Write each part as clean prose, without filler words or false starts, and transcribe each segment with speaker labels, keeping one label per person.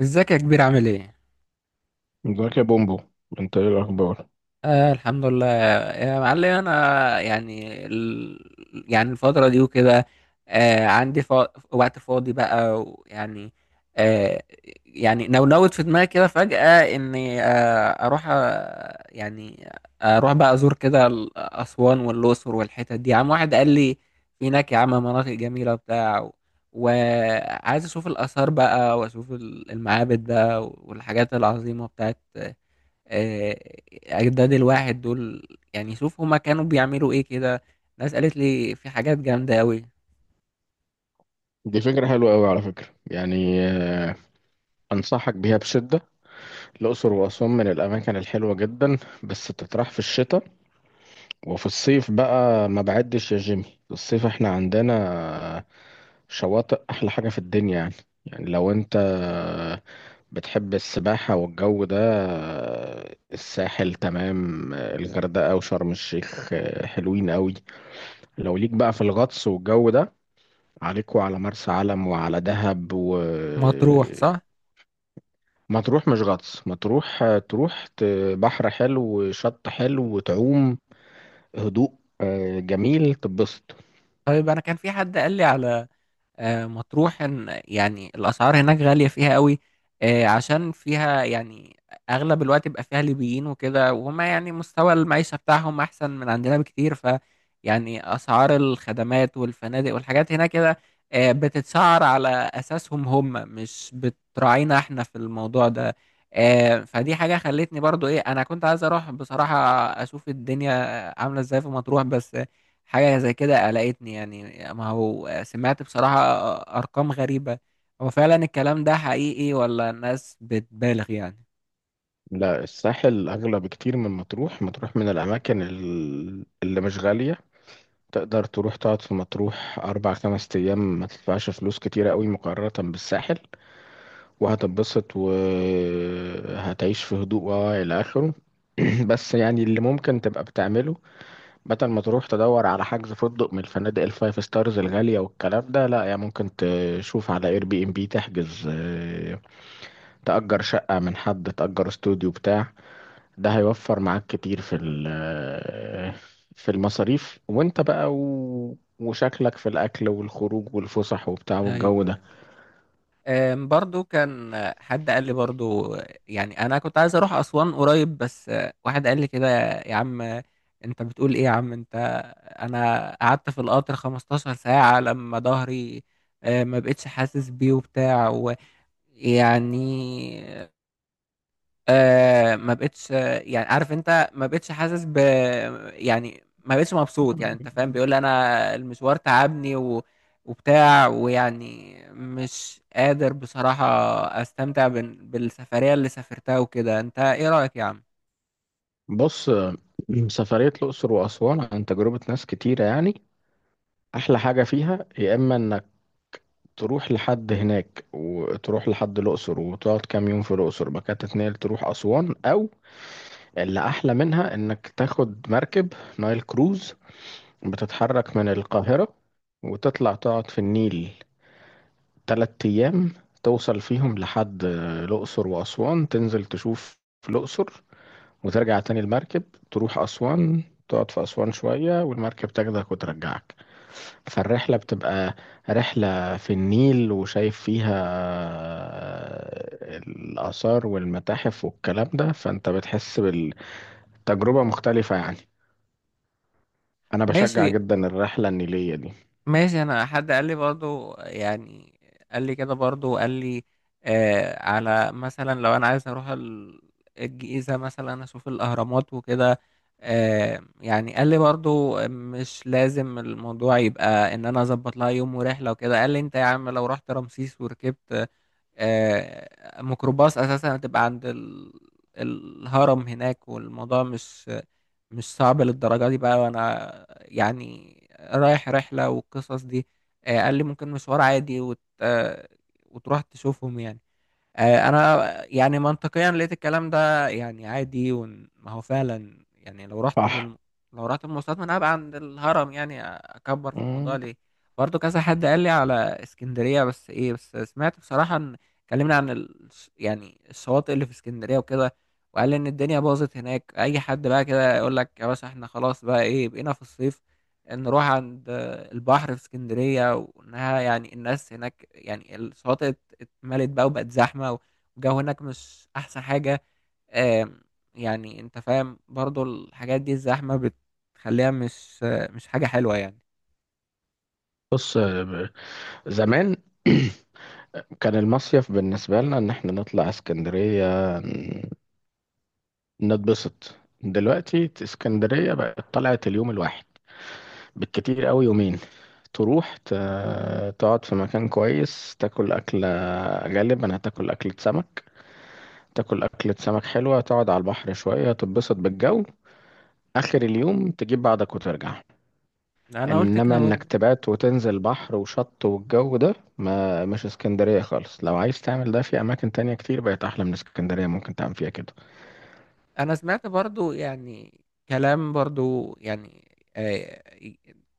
Speaker 1: ازيك يا كبير عامل ايه؟
Speaker 2: ازيك يا بومبو. انت ايه الاخبار؟
Speaker 1: آه، الحمد لله. يا معلم انا يعني يعني الفترة دي وكده. عندي وقت فاضي بقى ويعني آه يعني نونوت في دماغي كده فجأة اني اروح يعني اروح بقى ازور كده اسوان والاقصر والحتت دي. عم واحد قال لي في هناك يا عم مناطق جميلة وبتاع وعايز اشوف الاثار بقى واشوف المعابد بقى والحاجات العظيمة بتاعت آه، أجداد الواحد دول. يعني شوف هما كانوا بيعملوا إيه كده. ناس قالت لي في حاجات جامدة أوي.
Speaker 2: دي فكرة حلوة قوي على فكرة يعني، انصحك بيها بشدة. الاقصر واسوان من الاماكن الحلوة جدا، بس بتطرح في الشتاء. وفي الصيف بقى ما بعدش يا جيمي، في الصيف احنا عندنا آه، شواطئ احلى حاجة في الدنيا يعني. يعني لو انت بتحب السباحة والجو ده، الساحل تمام، الغردقة وشرم الشيخ حلوين قوي. لو ليك بقى في الغطس والجو ده، عليك وعلى مرسى علم وعلى دهب
Speaker 1: مطروح صح؟
Speaker 2: مطروح مش غطس. مطروح تروح بحر حلو وشط حلو وتعوم، هدوء، جميل تبسط.
Speaker 1: طيب أنا كان في حد قال لي على مطروح يعني الأسعار هناك غالية فيها قوي. عشان فيها يعني أغلب الوقت بيبقى فيها ليبيين وكده، وهم يعني مستوى المعيشة بتاعهم أحسن من عندنا بكتير. ف يعني أسعار الخدمات والفنادق والحاجات هناك كده بتتسعر على أساسهم هم، مش بتراعينا إحنا في الموضوع ده. فدي حاجة خلتني برضو إيه، أنا كنت عايز أروح بصراحة أشوف الدنيا عاملة إزاي في مطروح، بس حاجة زي كده قلقتني يعني. ما هو سمعت بصراحة أرقام غريبة. هو فعلا الكلام ده حقيقي ولا الناس بتبالغ يعني؟
Speaker 2: لا الساحل أغلى بكتير من مطروح. مطروح من الأماكن اللي مش غالية، تقدر تروح تقعد في مطروح أربع خمس أيام ما تدفعش فلوس كتيرة قوي مقارنة بالساحل، وهتتبسط وهتعيش في هدوء إلى آخره. بس يعني اللي ممكن تبقى بتعمله، بدل ما تروح تدور على حجز فندق من الفنادق الفايف ستارز الغالية والكلام ده، لا يعني ممكن تشوف على اير بي ام بي، تحجز تأجر شقة من حد، تأجر استوديو بتاع. ده هيوفر معاك كتير في في المصاريف، وانت بقى وشكلك في الأكل والخروج والفسح وبتاع والجو
Speaker 1: ايوه،
Speaker 2: ده.
Speaker 1: ايوه. برضو كان حد قال لي برضو يعني. أنا كنت عايز أروح أسوان قريب، بس واحد قال لي كده يا عم، أنت بتقول إيه يا عم أنت؟ أنا قعدت في القطر 15 ساعة لما ظهري ما بقتش حاسس بيه وبتاع، ويعني ما بقتش يعني عارف انت ما بقتش حاسس ب، يعني ما بقتش مبسوط يعني انت فاهم. بيقول لي انا المشوار تعبني وبتاع، ويعني مش قادر بصراحة استمتع بالسفرية اللي سافرتها وكده. انت ايه رأيك يا عم؟
Speaker 2: بص، سفرية الأقصر وأسوان عن تجربة ناس كتيرة يعني. أحلى حاجة فيها يا إما إنك تروح لحد هناك وتروح لحد الأقصر وتقعد كام يوم في الأقصر، بعد كده تتنقل تروح أسوان. أو اللي أحلى منها إنك تاخد مركب نايل كروز، بتتحرك من القاهرة وتطلع تقعد في النيل تلات أيام، توصل فيهم لحد الأقصر وأسوان، تنزل تشوف الأقصر وترجع تاني المركب، تروح أسوان، تقعد في أسوان شوية والمركب تاخدك وترجعك. فالرحلة بتبقى رحلة في النيل وشايف فيها الآثار والمتاحف والكلام ده، فأنت بتحس بالتجربة مختلفة يعني. أنا بشجع
Speaker 1: ماشي.
Speaker 2: جدا الرحلة النيلية دي.
Speaker 1: ماشي، انا حد قال لي برضو يعني، قال لي كده برضو، قال لي على مثلا لو انا عايز اروح الجيزة مثلا اشوف الاهرامات وكده. يعني قال لي برضو مش لازم الموضوع يبقى ان انا اظبط لها يوم ورحلة وكده. قال لي انت يا عم لو رحت رمسيس وركبت ميكروباص اساسا هتبقى عند الهرم هناك، والموضوع مش صعب للدرجه دي بقى. وانا يعني رايح رحله والقصص دي. قال لي ممكن مشوار عادي وت... آه، وتروح تشوفهم يعني. انا يعني منطقيا لقيت الكلام ده يعني عادي. وما هو فعلا يعني لو رحت
Speaker 2: صح.
Speaker 1: لو رحت بالمواصلات من ابعد عند الهرم، يعني اكبر في الموضوع
Speaker 2: مم.
Speaker 1: ليه؟ برضو كذا حد قال لي على اسكندرية، بس ايه بس سمعت بصراحة ان اتكلمنا عن يعني الشواطئ اللي في اسكندرية وكده، وقال لي ان الدنيا باظت هناك. اي حد بقى كده يقول لك يا باشا احنا خلاص بقى، ايه، بقينا في الصيف نروح عند البحر في اسكندرية، وانها يعني الناس هناك يعني الشواطئ ملت بقى وبقت زحمة، والجو هناك مش أحسن حاجة. آم، يعني أنت فاهم برضو الحاجات دي الزحمة بتخليها مش حاجة حلوة يعني.
Speaker 2: بص، زمان كان المصيف بالنسبة لنا إن إحنا نطلع اسكندرية نتبسط. دلوقتي اسكندرية بقت طلعت اليوم الواحد، بالكتير قوي يومين. تروح تقعد في مكان كويس، تاكل أكلة، غالبا هتاكل أكلة سمك. تاكل أكلة سمك حلوة، تقعد على البحر شوية تتبسط بالجو، آخر اليوم تجيب بعضك وترجع.
Speaker 1: أنا قلت
Speaker 2: إنما
Speaker 1: كده
Speaker 2: إنك
Speaker 1: برضو.
Speaker 2: تبات وتنزل بحر وشط والجو ده، ما مش اسكندرية خالص. لو عايز تعمل ده في أماكن تانية كتير بقت أحلى من اسكندرية ممكن تعمل فيها كده.
Speaker 1: انا سمعت برضو يعني كلام برضو يعني آه،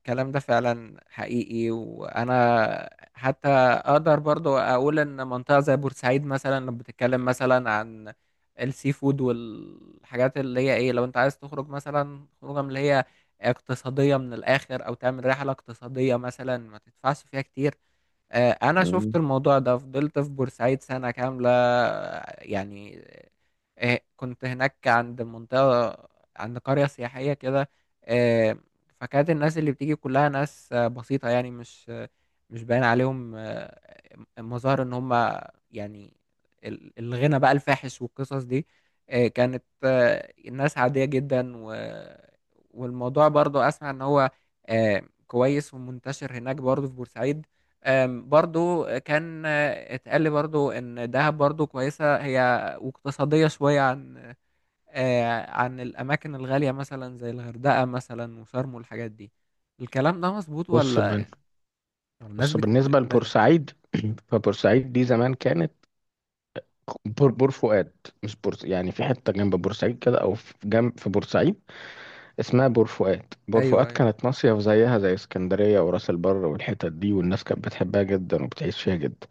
Speaker 1: الكلام ده فعلا حقيقي. وانا حتى اقدر برضو اقول ان منطقة زي بورسعيد مثلا، لما بتتكلم مثلا عن السي فود والحاجات اللي هي ايه، لو انت عايز تخرج مثلا خروجه من اللي هي اقتصادية من الاخر، او تعمل رحلة اقتصادية مثلا ما تدفعش فيها كتير. انا شفت
Speaker 2: مم.
Speaker 1: الموضوع ده، فضلت في بورسعيد سنة كاملة يعني. كنت هناك عند منطقة، عند قرية سياحية كده. آه، فكانت الناس اللي بتيجي كلها ناس بسيطة، يعني مش باين عليهم مظاهر ان هم يعني الغنى بقى الفاحش والقصص دي. كانت الناس عادية جدا والموضوع برضو اسمع ان هو كويس ومنتشر هناك برضو في بورسعيد. برضو كان اتقال لي برضو ان دهب برضو كويسة، هي واقتصادية شوية عن عن الاماكن الغالية مثلا زي الغردقة مثلا وشرم والحاجات دي. الكلام ده مظبوط
Speaker 2: بص من
Speaker 1: ولا الناس
Speaker 2: بس بالنسبة
Speaker 1: بتتبالغ؟
Speaker 2: لبورسعيد، فبورسعيد دي زمان كانت بور فؤاد. مش بورس يعني، في حتة جنب بورسعيد كده أو في جنب في بورسعيد اسمها بور فؤاد. بور فؤاد
Speaker 1: ايوه، ايوه.
Speaker 2: كانت مصيف زيها زي اسكندرية وراس البر والحتت دي، والناس كانت بتحبها جدا وبتعيش فيها جدا.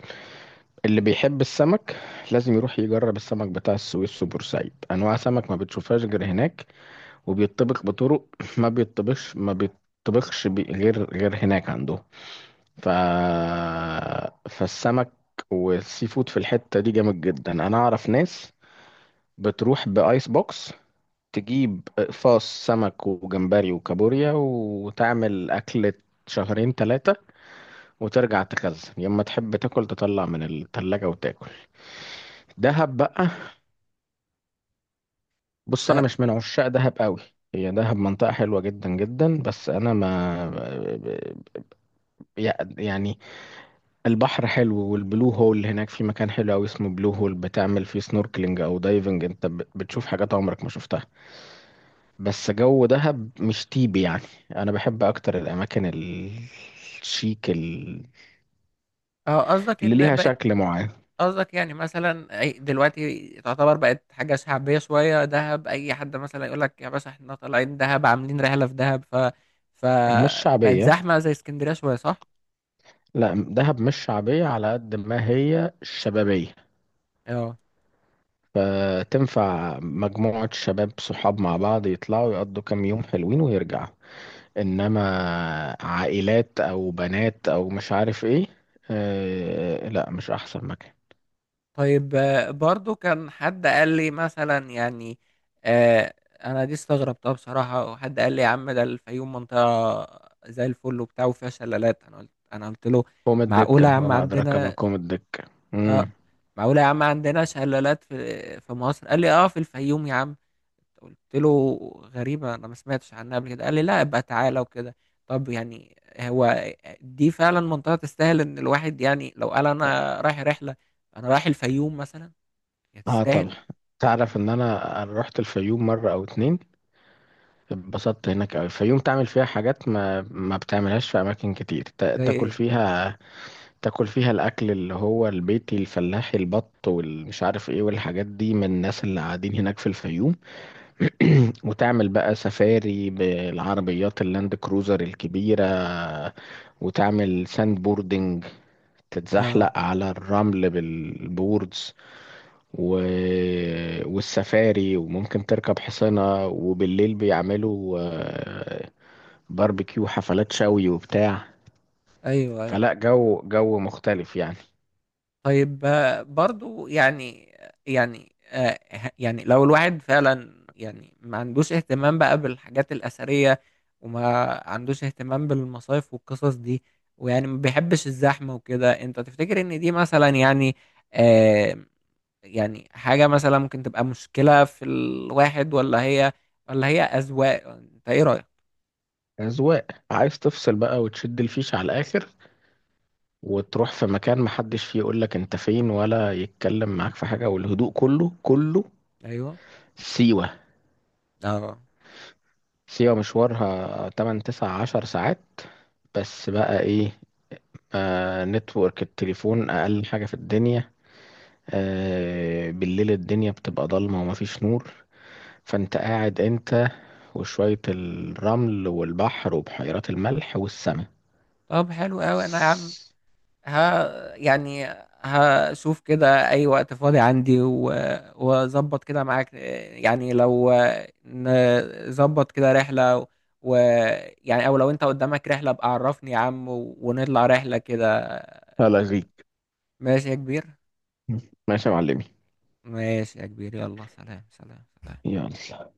Speaker 2: اللي بيحب السمك لازم يروح يجرب السمك بتاع السويس وبورسعيد، أنواع سمك ما بتشوفهاش غير هناك، وبيطبخ بطرق ما بيطبخش ما بيطبخش بي- غير هناك عندهم. ف... فالسمك والسي فود في الحتة دي جامد جدا. انا اعرف ناس بتروح بايس بوكس، تجيب اقفاص سمك وجمبري وكابوريا وتعمل اكلة شهرين ثلاثة، وترجع تخزن، يا اما تحب تاكل تطلع من التلاجة وتاكل. دهب بقى، بص انا
Speaker 1: اه.
Speaker 2: مش من عشاق دهب قوي. هي دهب منطقة حلوة جدا جدا، بس انا ما يعني، البحر حلو والبلو هول هناك، في مكان حلو أوي اسمه بلو هول بتعمل فيه سنوركلينج أو دايفنج، أنت بتشوف حاجات عمرك ما شفتها. بس جو دهب مش تيبي يعني، أنا بحب أكتر الأماكن الشيك،
Speaker 1: قصدك
Speaker 2: اللي
Speaker 1: ان
Speaker 2: ليها
Speaker 1: بقت،
Speaker 2: شكل معين.
Speaker 1: قصدك يعني مثلا دلوقتي تعتبر بقت حاجة شعبية شوية دهب، اي حد مثلا يقول لك يا باشا احنا طالعين دهب عاملين رحلة في دهب،
Speaker 2: مش
Speaker 1: فبقت
Speaker 2: شعبية،
Speaker 1: زحمة زي اسكندرية شوية صح؟
Speaker 2: لا دهب مش شعبية على قد ما هي شبابية.
Speaker 1: اه.
Speaker 2: فتنفع مجموعة شباب صحاب مع بعض يطلعوا يقضوا كام يوم حلوين ويرجعوا. انما عائلات او بنات او مش عارف ايه، آه لا مش احسن مكان.
Speaker 1: طيب برضو كان حد قال لي مثلا يعني آه انا دي استغربتها بصراحة. وحد قال لي يا عم ده الفيوم منطقة زي الفل وبتاع وفيها شلالات. انا قلت له
Speaker 2: قوم
Speaker 1: معقولة يا
Speaker 2: الدكة
Speaker 1: عم
Speaker 2: وما ادراك ما
Speaker 1: عندنا؟
Speaker 2: قوم الدكة. امم
Speaker 1: آه معقولة يا عم عندنا شلالات في مصر؟ قال لي في الفيوم يا عم. قلت له غريبة، أنا ما سمعتش عنها قبل كده. قال لي لا ابقى تعالى وكده. طب يعني هو دي فعلا منطقة تستاهل إن الواحد يعني لو قال أنا رايح رحلة، أنا رايح الفيوم مثلا، هي
Speaker 2: اه طبعا.
Speaker 1: تستاهل؟
Speaker 2: تعرف ان أنا رحت الفيوم مرة او اتنين، اتبسطت هناك أوي. الفيوم تعمل فيها حاجات ما بتعملهاش في اماكن كتير.
Speaker 1: زي
Speaker 2: تاكل
Speaker 1: ايه؟
Speaker 2: فيها، تاكل فيها الاكل اللي هو البيتي الفلاحي، البط والمش عارف ايه والحاجات دي، من الناس اللي قاعدين هناك في الفيوم. وتعمل بقى سفاري بالعربيات اللاند كروزر الكبيرة، وتعمل ساند بوردنج،
Speaker 1: اه.
Speaker 2: تتزحلق على الرمل بالبوردز، و... والسفاري، وممكن تركب حصانة، وبالليل بيعملوا باربيكيو، حفلات شوي وبتاع.
Speaker 1: ايوه، ايوه.
Speaker 2: فلا، جو مختلف يعني.
Speaker 1: طيب برضو يعني، يعني يعني لو الواحد فعلا يعني ما عندوش اهتمام بقى بالحاجات الأثرية، وما عندوش اهتمام بالمصايف والقصص دي، ويعني ما بيحبش الزحمة وكده، انت تفتكر ان دي مثلا يعني آه يعني حاجة مثلا ممكن تبقى مشكلة في الواحد، ولا هي أذواق؟ انت ايه رأيك؟
Speaker 2: أذواق، عايز تفصل بقى وتشد الفيش على الآخر، وتروح في مكان محدش فيه يقولك انت فين ولا يتكلم معاك في حاجة، والهدوء كله كله.
Speaker 1: ايوه.
Speaker 2: سيوة.
Speaker 1: اه.
Speaker 2: سيوة مشوارها 8 9 10 ساعات، بس بقى ايه، آه نتورك التليفون اقل حاجة في الدنيا، آه بالليل الدنيا بتبقى ضلمة ومفيش نور، فانت قاعد انت وشوية الرمل والبحر وبحيرات الملح والسماء.
Speaker 1: طب حلو قوي. انا يا عم ها يعني هشوف كده اي وقت فاضي عندي واظبط كده معاك يعني. لو نظبط كده رحلة، ويعني او لو انت قدامك رحلة ابقى عرفني يا عم ونطلع رحلة كده.
Speaker 2: هلا غيك.
Speaker 1: ماشي يا كبير.
Speaker 2: ماشي يا معلمي.
Speaker 1: ماشي يا كبير، يلا سلام سلام سلام.
Speaker 2: يلا.